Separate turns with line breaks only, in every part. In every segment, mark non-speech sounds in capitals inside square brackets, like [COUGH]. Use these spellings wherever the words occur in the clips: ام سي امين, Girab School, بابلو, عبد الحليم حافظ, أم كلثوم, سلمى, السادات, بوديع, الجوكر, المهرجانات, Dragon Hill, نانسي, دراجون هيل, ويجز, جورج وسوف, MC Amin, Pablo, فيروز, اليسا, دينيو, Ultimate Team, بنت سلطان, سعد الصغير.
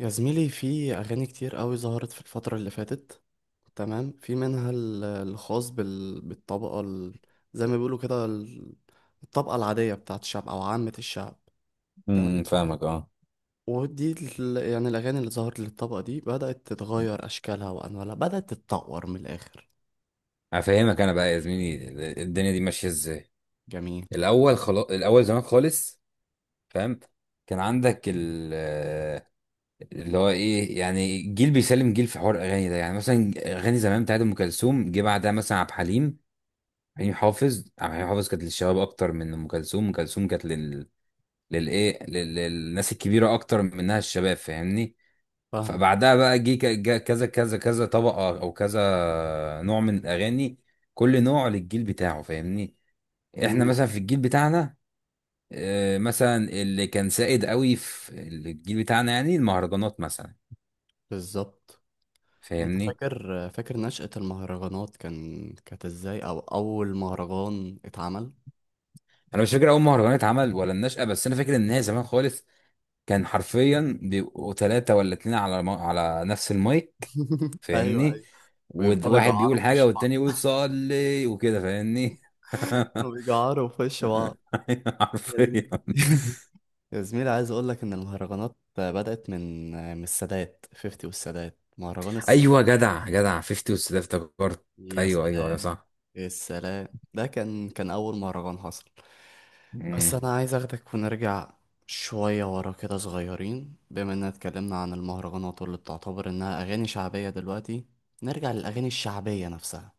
يا زميلي، في أغاني كتير قوي ظهرت في الفترة اللي فاتت. تمام. في منها الخاص بالطبقة زي ما بيقولوا كده الطبقة العادية بتاعت الشعب أو عامة الشعب. تمام.
فاهمك اه.
ودي يعني الأغاني اللي ظهرت للطبقة دي بدأت تتغير أشكالها وأنوالها، بدأت تتطور من الآخر.
هفهمك انا بقى يا زميلي، الدنيا دي ماشيه ازاي.
جميل.
الاول، خلاص الاول زمان خالص، فاهم. كان عندك ال اللي هو ايه يعني جيل بيسلم جيل في حوار الاغاني ده. يعني مثلا اغاني زمان بتاعت ام كلثوم جه بعدها مثلا عبد الحليم. حليم حافظ عبد الحليم حافظ كانت للشباب اكتر من ام كلثوم. ام كلثوم كانت للناس الكبيره اكتر منها الشباب، فاهمني.
فاهمك.
فبعدها بقى جه كذا كذا كذا طبقة أو كذا نوع من الأغاني، كل نوع للجيل بتاعه، فاهمني. إحنا
مهم.
مثلا في الجيل بتاعنا، مثلا اللي كان سائد قوي في الجيل بتاعنا يعني المهرجانات مثلا،
بالظبط. أنت
فاهمني.
فاكر نشأة المهرجانات كانت إزاي، أو أول مهرجان اتعمل؟
أنا مش فاكر أول مهرجان اتعمل ولا النشأة، بس أنا فاكر إن هي زمان خالص. كان حرفيا بيبقوا ثلاثة ولا اتنين على نفس المايك،
[LAUGHS] أيوه
فاهمني.
أيوه. ويفضلوا
وواحد
يجعروا
بيقول
في
حاجة
وش
والتاني
بعض،
يقول صلي وكده، فاهمني.
كانوا بيجعروا في وش بعض.
[LAUGHS]
يا زميلي.
حرفيا.
[LAUGHS] يا زميلي، عايز اقول لك ان المهرجانات بدأت من السادات 50، والسادات مهرجان
ايوه،
السادات.
جدع 50 وست ده، افتكرت.
يا
ايوه ايوه ايوه
سلام.
صح.
يا سلام. ده كان اول مهرجان حصل. بس
مم.
انا عايز اخدك ونرجع شوية ورا كده صغيرين، بما اننا اتكلمنا عن المهرجانات واللي بتعتبر انها اغاني شعبية دلوقتي، نرجع للاغاني الشعبية نفسها.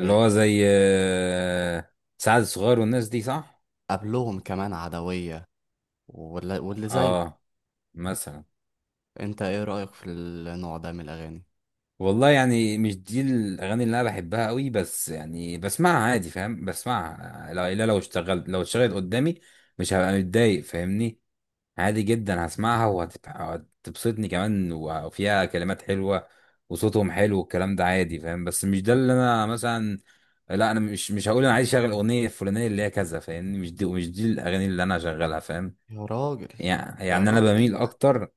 هي
هو زي، سعد الصغير والناس دي، صح.
قبلهم كمان عدوية، ولا- واللي زيه.
اه مثلا.
انت ايه رأيك في النوع ده من الاغاني؟
والله يعني مش دي الاغاني اللي انا بحبها قوي، بس يعني بسمعها عادي، فاهم. بسمعها، لا لو اشتغلت، لو اشتغلت قدامي مش هبقى متضايق، فاهمني. عادي جدا هسمعها وهتبسطني كمان، وفيها كلمات حلوة وصوتهم حلو والكلام ده عادي، فاهم. بس مش ده اللي انا مثلا. لا، انا مش هقول انا عايز اشغل اغنية الفلانية اللي هي كذا، فاهمني. مش دي الاغاني اللي انا هشغلها، فاهم.
يا راجل.
يعني
يا
يعني انا
راجل
بميل
انت.
اكتر.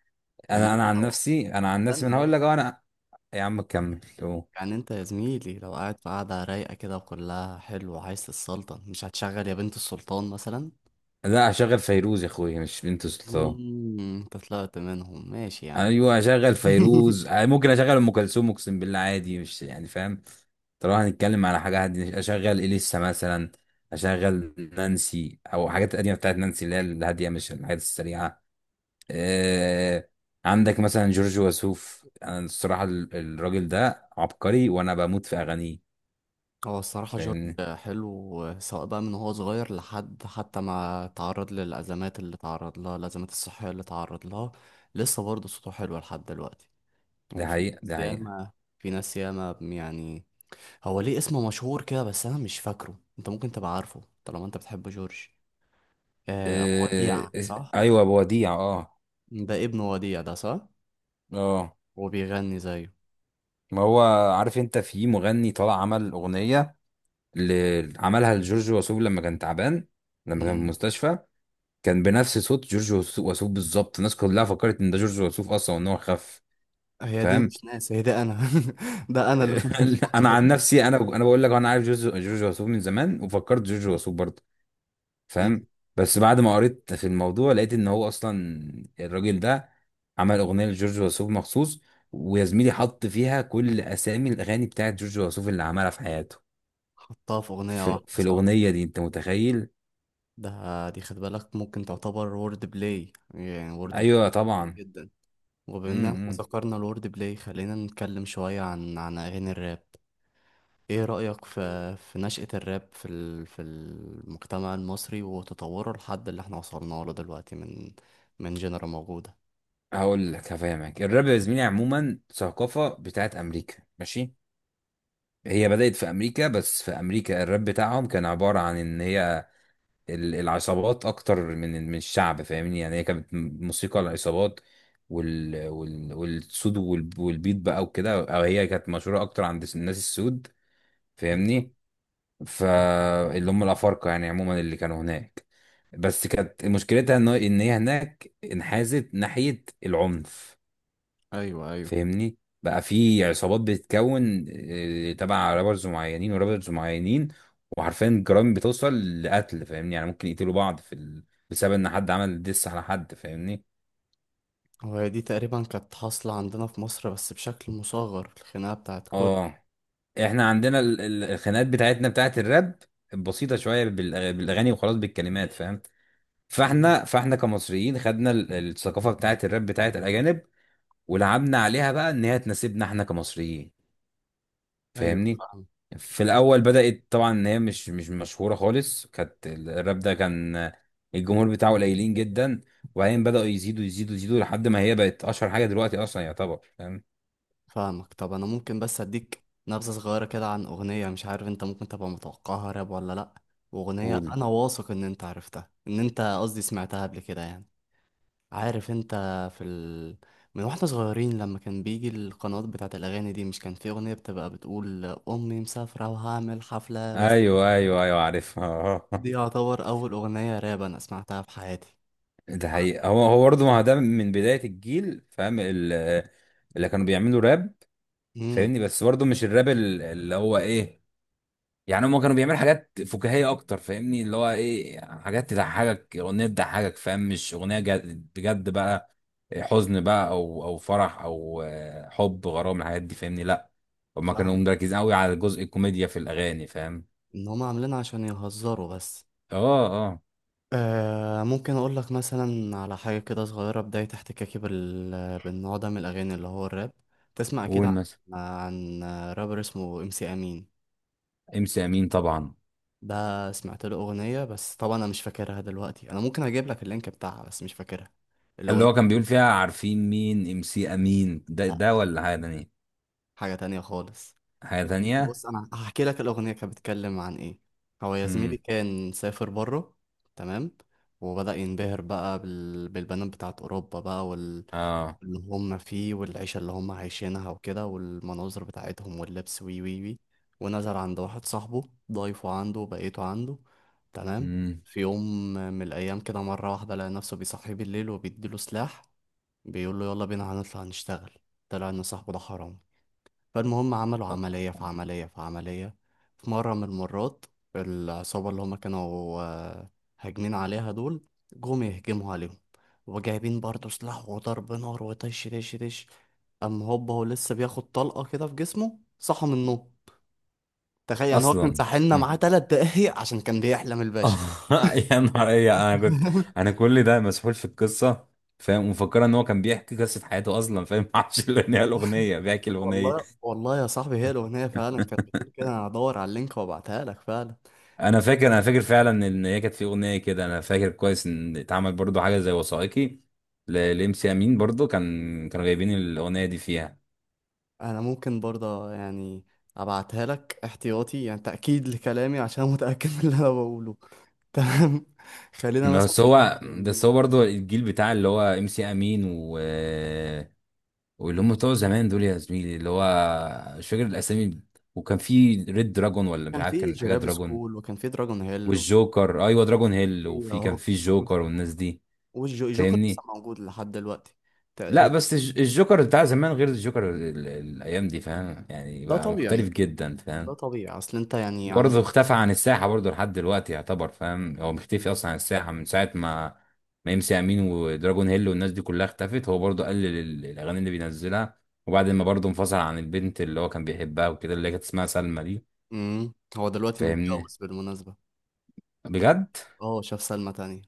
يعني
انا
انت
انا عن
لو،
نفسي، انا عن نفسي من
استنى
هقول لك
بس.
أهو انا. يا عم كمل أهو.
يعني انت يا زميلي لو قاعد في قعدة رايقة كده وكلها حلو وعايز تتسلطن، مش هتشغل يا بنت السلطان مثلا؟
لا هشغل فيروز يا اخويا، مش بنت سلطان.
مم، انت طلعت منهم، ماشي يا عم.
ايوه اشغل
[LAUGHS]
فيروز، ممكن اشغل ام كلثوم، اقسم بالله عادي، مش يعني، فاهم. طالما هنتكلم على حاجه هادية، اشغل اليسا مثلا. اشغل نانسي، او حاجات قديمه بتاعت نانسي اللي هي الهاديه، مش الحاجات السريعه. آه. عندك مثلا جورج وسوف، انا الصراحه الراجل ده عبقري وانا بموت في اغانيه،
هو الصراحة جورج
فاهمني.
حلو، سواء بقى من وهو صغير لحد حتى ما تعرض للأزمات اللي تعرض لها، الأزمات الصحية اللي تعرض لها. لسه برضه صوته حلو لحد دلوقتي.
ده
وفي
حقيقه
ناس
ده حقيقه
ياما، في ناس ياما يعني. هو ليه اسمه مشهور كده بس انا مش فاكره؟ انت ممكن تبقى عارفه طالما انت بتحب جورج. آه، أبو وديع، صح؟
ايوه بوديع اه.
ده ابن وديع ده، صح؟
اه.
وبيغني زيه.
ما هو، عارف انت في مغني طلع عمل اغنيه، اللي عملها لجورج وسوف لما كان تعبان، لما كان في
مم.
المستشفى. كان بنفس صوت وسوف بالظبط. الناس كلها فكرت ان ده جورج وسوف اصلا وان هو خف،
هي دي
فاهم.
مش ناس، هي ده انا. [LAUGHS] ده انا اللي كنت
[LAUGHS] انا عن
مفكره.
نفسي، انا بقول لك انا عارف جورج وسوف من زمان وفكرت جورج وسوف برضه،
مم.
فاهم. بس بعد ما قريت في الموضوع لقيت ان هو اصلا، الراجل ده، عمل اغنيه لجورج وسوف مخصوص، ويا زميلي حط فيها كل اسامي الاغاني بتاعت جورج وسوف اللي عملها في حياته.
حطها في اغنية
في,
واحدة،
في
صح؟
الاغنيه دي، انت متخيل؟
ده دي خد بالك، ممكن تعتبر وورد بلاي، يعني وورد بلاي
ايوه طبعا.
جدا. وبما ان احنا
امم.
ذكرنا الوورد بلاي، خلينا نتكلم شوية عن اغاني الراب. ايه رأيك في نشأة الراب في المجتمع المصري وتطوره لحد اللي احنا وصلنا له دلوقتي، من جنرا موجودة؟
هقول لك، هفهمك. الراب يا زميلي عموما ثقافة بتاعت أمريكا، ماشي. هي بدأت في أمريكا، بس في أمريكا الراب بتاعهم كان عبارة عن إن هي العصابات أكتر من الشعب، فاهمني. يعني هي كانت موسيقى العصابات وال وال والسود والبيت بقى وكده، أو هي كانت مشهورة أكتر عند الناس السود،
مم.
فاهمني. فاللي هم الأفارقة يعني عموما اللي كانوا هناك. بس كانت مشكلتها إن هي هناك انحازت ناحية العنف،
ايوه ايوه.
فاهمني. بقى في عصابات بتتكون، تبع رابرز معينين ورابرز معينين. وحرفيا الجرائم بتوصل لقتل، فاهمني. يعني ممكن يقتلوا بعض في ال... بسبب ان حد عمل ديس على حد، فاهمني.
وهي دي تقريبا كانت حاصلة عندنا في مصر بس بشكل مصغر، الخناقة بتاعت كوري.
اه. احنا عندنا الخناقات بتاعتنا بتاعت الراب بسيطة شوية بالاغاني وخلاص، بالكلمات، فاهم.
مم.
فاحنا كمصريين خدنا الثقافة بتاعت الراب بتاعت الاجانب، ولعبنا عليها بقى ان هي تناسبنا احنا كمصريين،
ايوه
فاهمني.
فاهم.
في الاول بدات طبعا ان هي مش مشهوره خالص، كانت الراب ده كان الجمهور بتاعه قليلين جدا، وبعدين بداوا يزيدوا يزيدوا لحد ما هي بقت اشهر حاجه دلوقتي اصلا يعتبر، فاهم.
فاهمك. طب انا ممكن بس اديك نبذة صغيرة كده عن اغنية مش عارف انت ممكن تبقى متوقعها راب ولا لأ، واغنية
قول.
انا واثق ان انت عرفتها، ان انت قصدي سمعتها قبل كده يعني. عارف انت في ال... من واحنا صغيرين لما كان بيجي القنوات بتاعت الأغاني دي، مش كان في أغنية بتبقى بتقول أمي مسافرة وهعمل حفلة بس؟
ايوه ايوه ايوه عارفها.
دي
[LAUGHS]
يعتبر أول أغنية راب أنا سمعتها في حياتي.
ده حقيقي. هو برضه، ما هو ده من بدايه الجيل، فاهم، اللي كانوا بيعملوا راب،
امم
فاهمني. بس برضه مش الراب اللي هو ايه، يعني هم كانوا بيعملوا حاجات فكاهيه اكتر، فاهمني. اللي هو ايه، يعني حاجات تضحكك، اغنيه تضحكك، فاهم، مش اغنيه جد بجد بقى، حزن بقى او او فرح او حب غرام، الحاجات دي، فاهمني. لا، هم كانوا
فاهم.
مركزين قوي على جزء الكوميديا في الاغاني، فاهم.
إن هما عاملينها عشان يهزروا بس.
اه اه.
آه، ممكن أقول لك مثلا على حاجة كده صغيرة، بداية احتكاكي بالنوع ده من الأغاني اللي هو الراب. تسمع أكيد
قول
عن,
مثلا.
عن رابر اسمه ام سي أمين.
ام سي امين طبعا.
ده سمعت له أغنية بس طبعا أنا مش فاكرها دلوقتي، أنا ممكن أجيب لك اللينك بتاعها بس مش فاكرها
اللي هو
الأغنية.
كان بيقول فيها عارفين مين ام سي امين ده،
لا،
ده ولا حاجه تانية؟
حاجة تانية خالص.
حاجه تانية.
بص أنا هحكي لك الأغنية كانت بتتكلم عن إيه. هو يا زميلي
امم.
كان سافر بره. تمام. وبدأ ينبهر بقى بالبنات بتاعت أوروبا بقى،
اه.
اللي هم فيه والعيشة اللي هم عايشينها وكده، والمناظر بتاعتهم واللبس وي وي وي. ونزل عند واحد صاحبه، ضايفه عنده وبقيته عنده. تمام.
امم.
في يوم من الأيام كده، مرة واحدة لقى نفسه بيصحيه بالليل وبيديله سلاح، بيقول له يلا بينا هنطلع نشتغل. طلع إن صاحبه ده حرامي. فالمهم عملوا عملية في عملية في عملية. في مرة من المرات، العصابة اللي هما كانوا هاجمين عليها دول جم يهجموا عليهم، وجايبين برضه سلاح وضرب نار وطش طش طش. أما هوبا، هو لسه بياخد طلقة كده في جسمه صحى من النوم. تخيل يعني هو كان
اصلا
ساحلنا معاه تلات دقايق عشان كان بيحلم
اه.
الباشا.
[LAUGHS] يا نهار ايه، انا كنت، انا
[LAUGHS]
كل ده مسحول في القصه، فاهم، ومفكره ان هو كان بيحكي قصه حياته اصلا، فاهم. [LAUGHS] ما اعرفش ان هي الاغنيه، بيحكي الاغنيه.
والله
[LAUGHS]
والله يا صاحبي، هي الأغنية فعلا كانت بتقول كده. أنا هدور على اللينك وأبعتها لك فعلا.
انا فاكر فعلا ان هي كانت في اغنيه كده، انا فاكر كويس ان اتعمل برضو حاجه زي وثائقي لام سي امين برضو، كان كانوا جايبين الاغنيه دي فيها.
انا ممكن برضه يعني ابعتها لك احتياطي، يعني تأكيد لكلامي عشان متأكد من اللي انا بقوله. تمام. [LAUGHS] خلينا مثلا
بس هو بس
نتكلم.
هو برضو الجيل بتاع اللي هو ام سي امين، و واللي هم
م-
بتوع زمان دول يا زميلي، اللي هو، مش فاكر الاسامي. وكان في ريد دراجون ولا مش
كان
عارف،
في
كان حاجه
جيراب
دراجون.
سكول وكان في دراجون هيل وكان
والجوكر، ايوه دراجون هيل،
في
وفي كان
اهو.
في الجوكر والناس دي،
والجوكر لسه
فاهمني.
موجود لحد دلوقتي
لا
تقريبا.
بس الجوكر بتاع زمان غير الجوكر الايام دي، فاهم. يعني
ده
بقى مختلف
طبيعي.
جدا،
ده
فاهم.
طبيعي، اصل انت يعني عندك.
برضه اختفى عن الساحة، برضه لحد دلوقتي يعتبر، فاهم، هو مختفي أصلا عن الساحة من ساعة ما ام سي أمين ودراجون هيل والناس دي كلها اختفت. هو برضه قلل الأغاني اللي بينزلها، وبعد ما برضه انفصل عن البنت اللي هو كان بيحبها وكده، اللي هي كانت اسمها سلمى دي،
مم. هو دلوقتي
فاهمني.
متجوز بالمناسبة.
بجد.
اه، شاف سلمى تانية.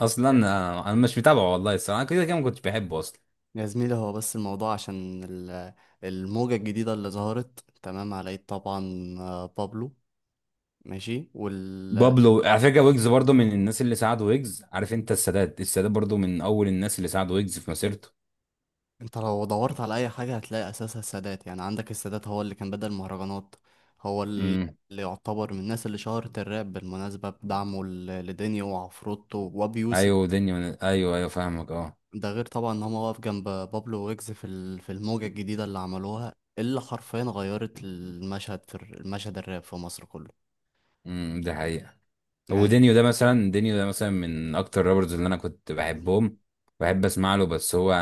أصلا أنا مش متابعه، والله الصراحة أنا كده كده ما كنتش بحبه أصلا.
يا زميلي، هو بس الموضوع عشان الموجة الجديدة اللي ظهرت، تمام، على يد طبعا بابلو، ماشي
بابلو على فكرة، ويجز برضه من الناس اللي ساعدوا ويجز. عارف أنت السادات، السادات برضه من أول الناس اللي ساعدوا ويجز في مسيرته.
انت لو دورت على اي حاجة هتلاقي اساسها السادات. يعني عندك السادات هو اللي كان بدأ المهرجانات. هو
امم.
اللي يعتبر من الناس اللي شهرت الراب بالمناسبة بدعمه لدينيو وعفروتو وابي يوسف.
أيوه دنيا، أيوه أيوه فاهمك أه.
ده غير طبعا ان هو واقف جنب بابلو ويجز في في الموجة الجديدة اللي عملوها، اللي حرفيا غيرت المشهد في المشهد الراب في مصر كله.
امم، دي حقيقة.
يعني.
ودينيو ده مثلا، دينيو ده مثلا من اكتر رابرز اللي انا كنت بحبهم، بحب اسمع له. بس هو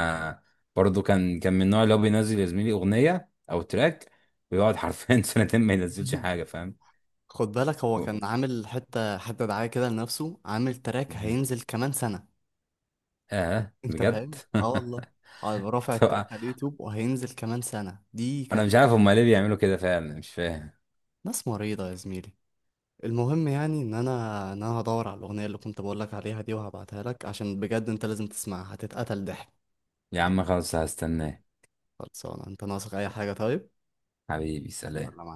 برضه، كان من النوع اللي هو بينزل يا زميلي اغنيه او تراك، ويقعد حرفيا [LAUGHS] سنتين ما ينزلش حاجه،
[LAUGHS]
فاهم.
خد بالك، هو
ف-
كان عامل حتة حتة دعاية كده لنفسه، عامل تراك
مم.
هينزل كمان سنة.
اه
انت
بجد.
فاهم؟ اه والله.
[LAUGHS]
هيبقى رافع التراك
طب
على اليوتيوب وهينزل كمان سنة دي
انا
كان.
مش عارف هما ليه بيعملوا كده فعلا، مش فاهم.
ناس مريضة يا زميلي. المهم يعني ان انا هدور على الاغنية اللي كنت بقولك عليها دي وهبعتها لك عشان بجد انت لازم تسمعها، هتتقتل ضحك.
يا عم خلاص هستناه.
خلصانة. انت ناقصك اي حاجة طيب؟
حبيبي
يلا
سلام.
مع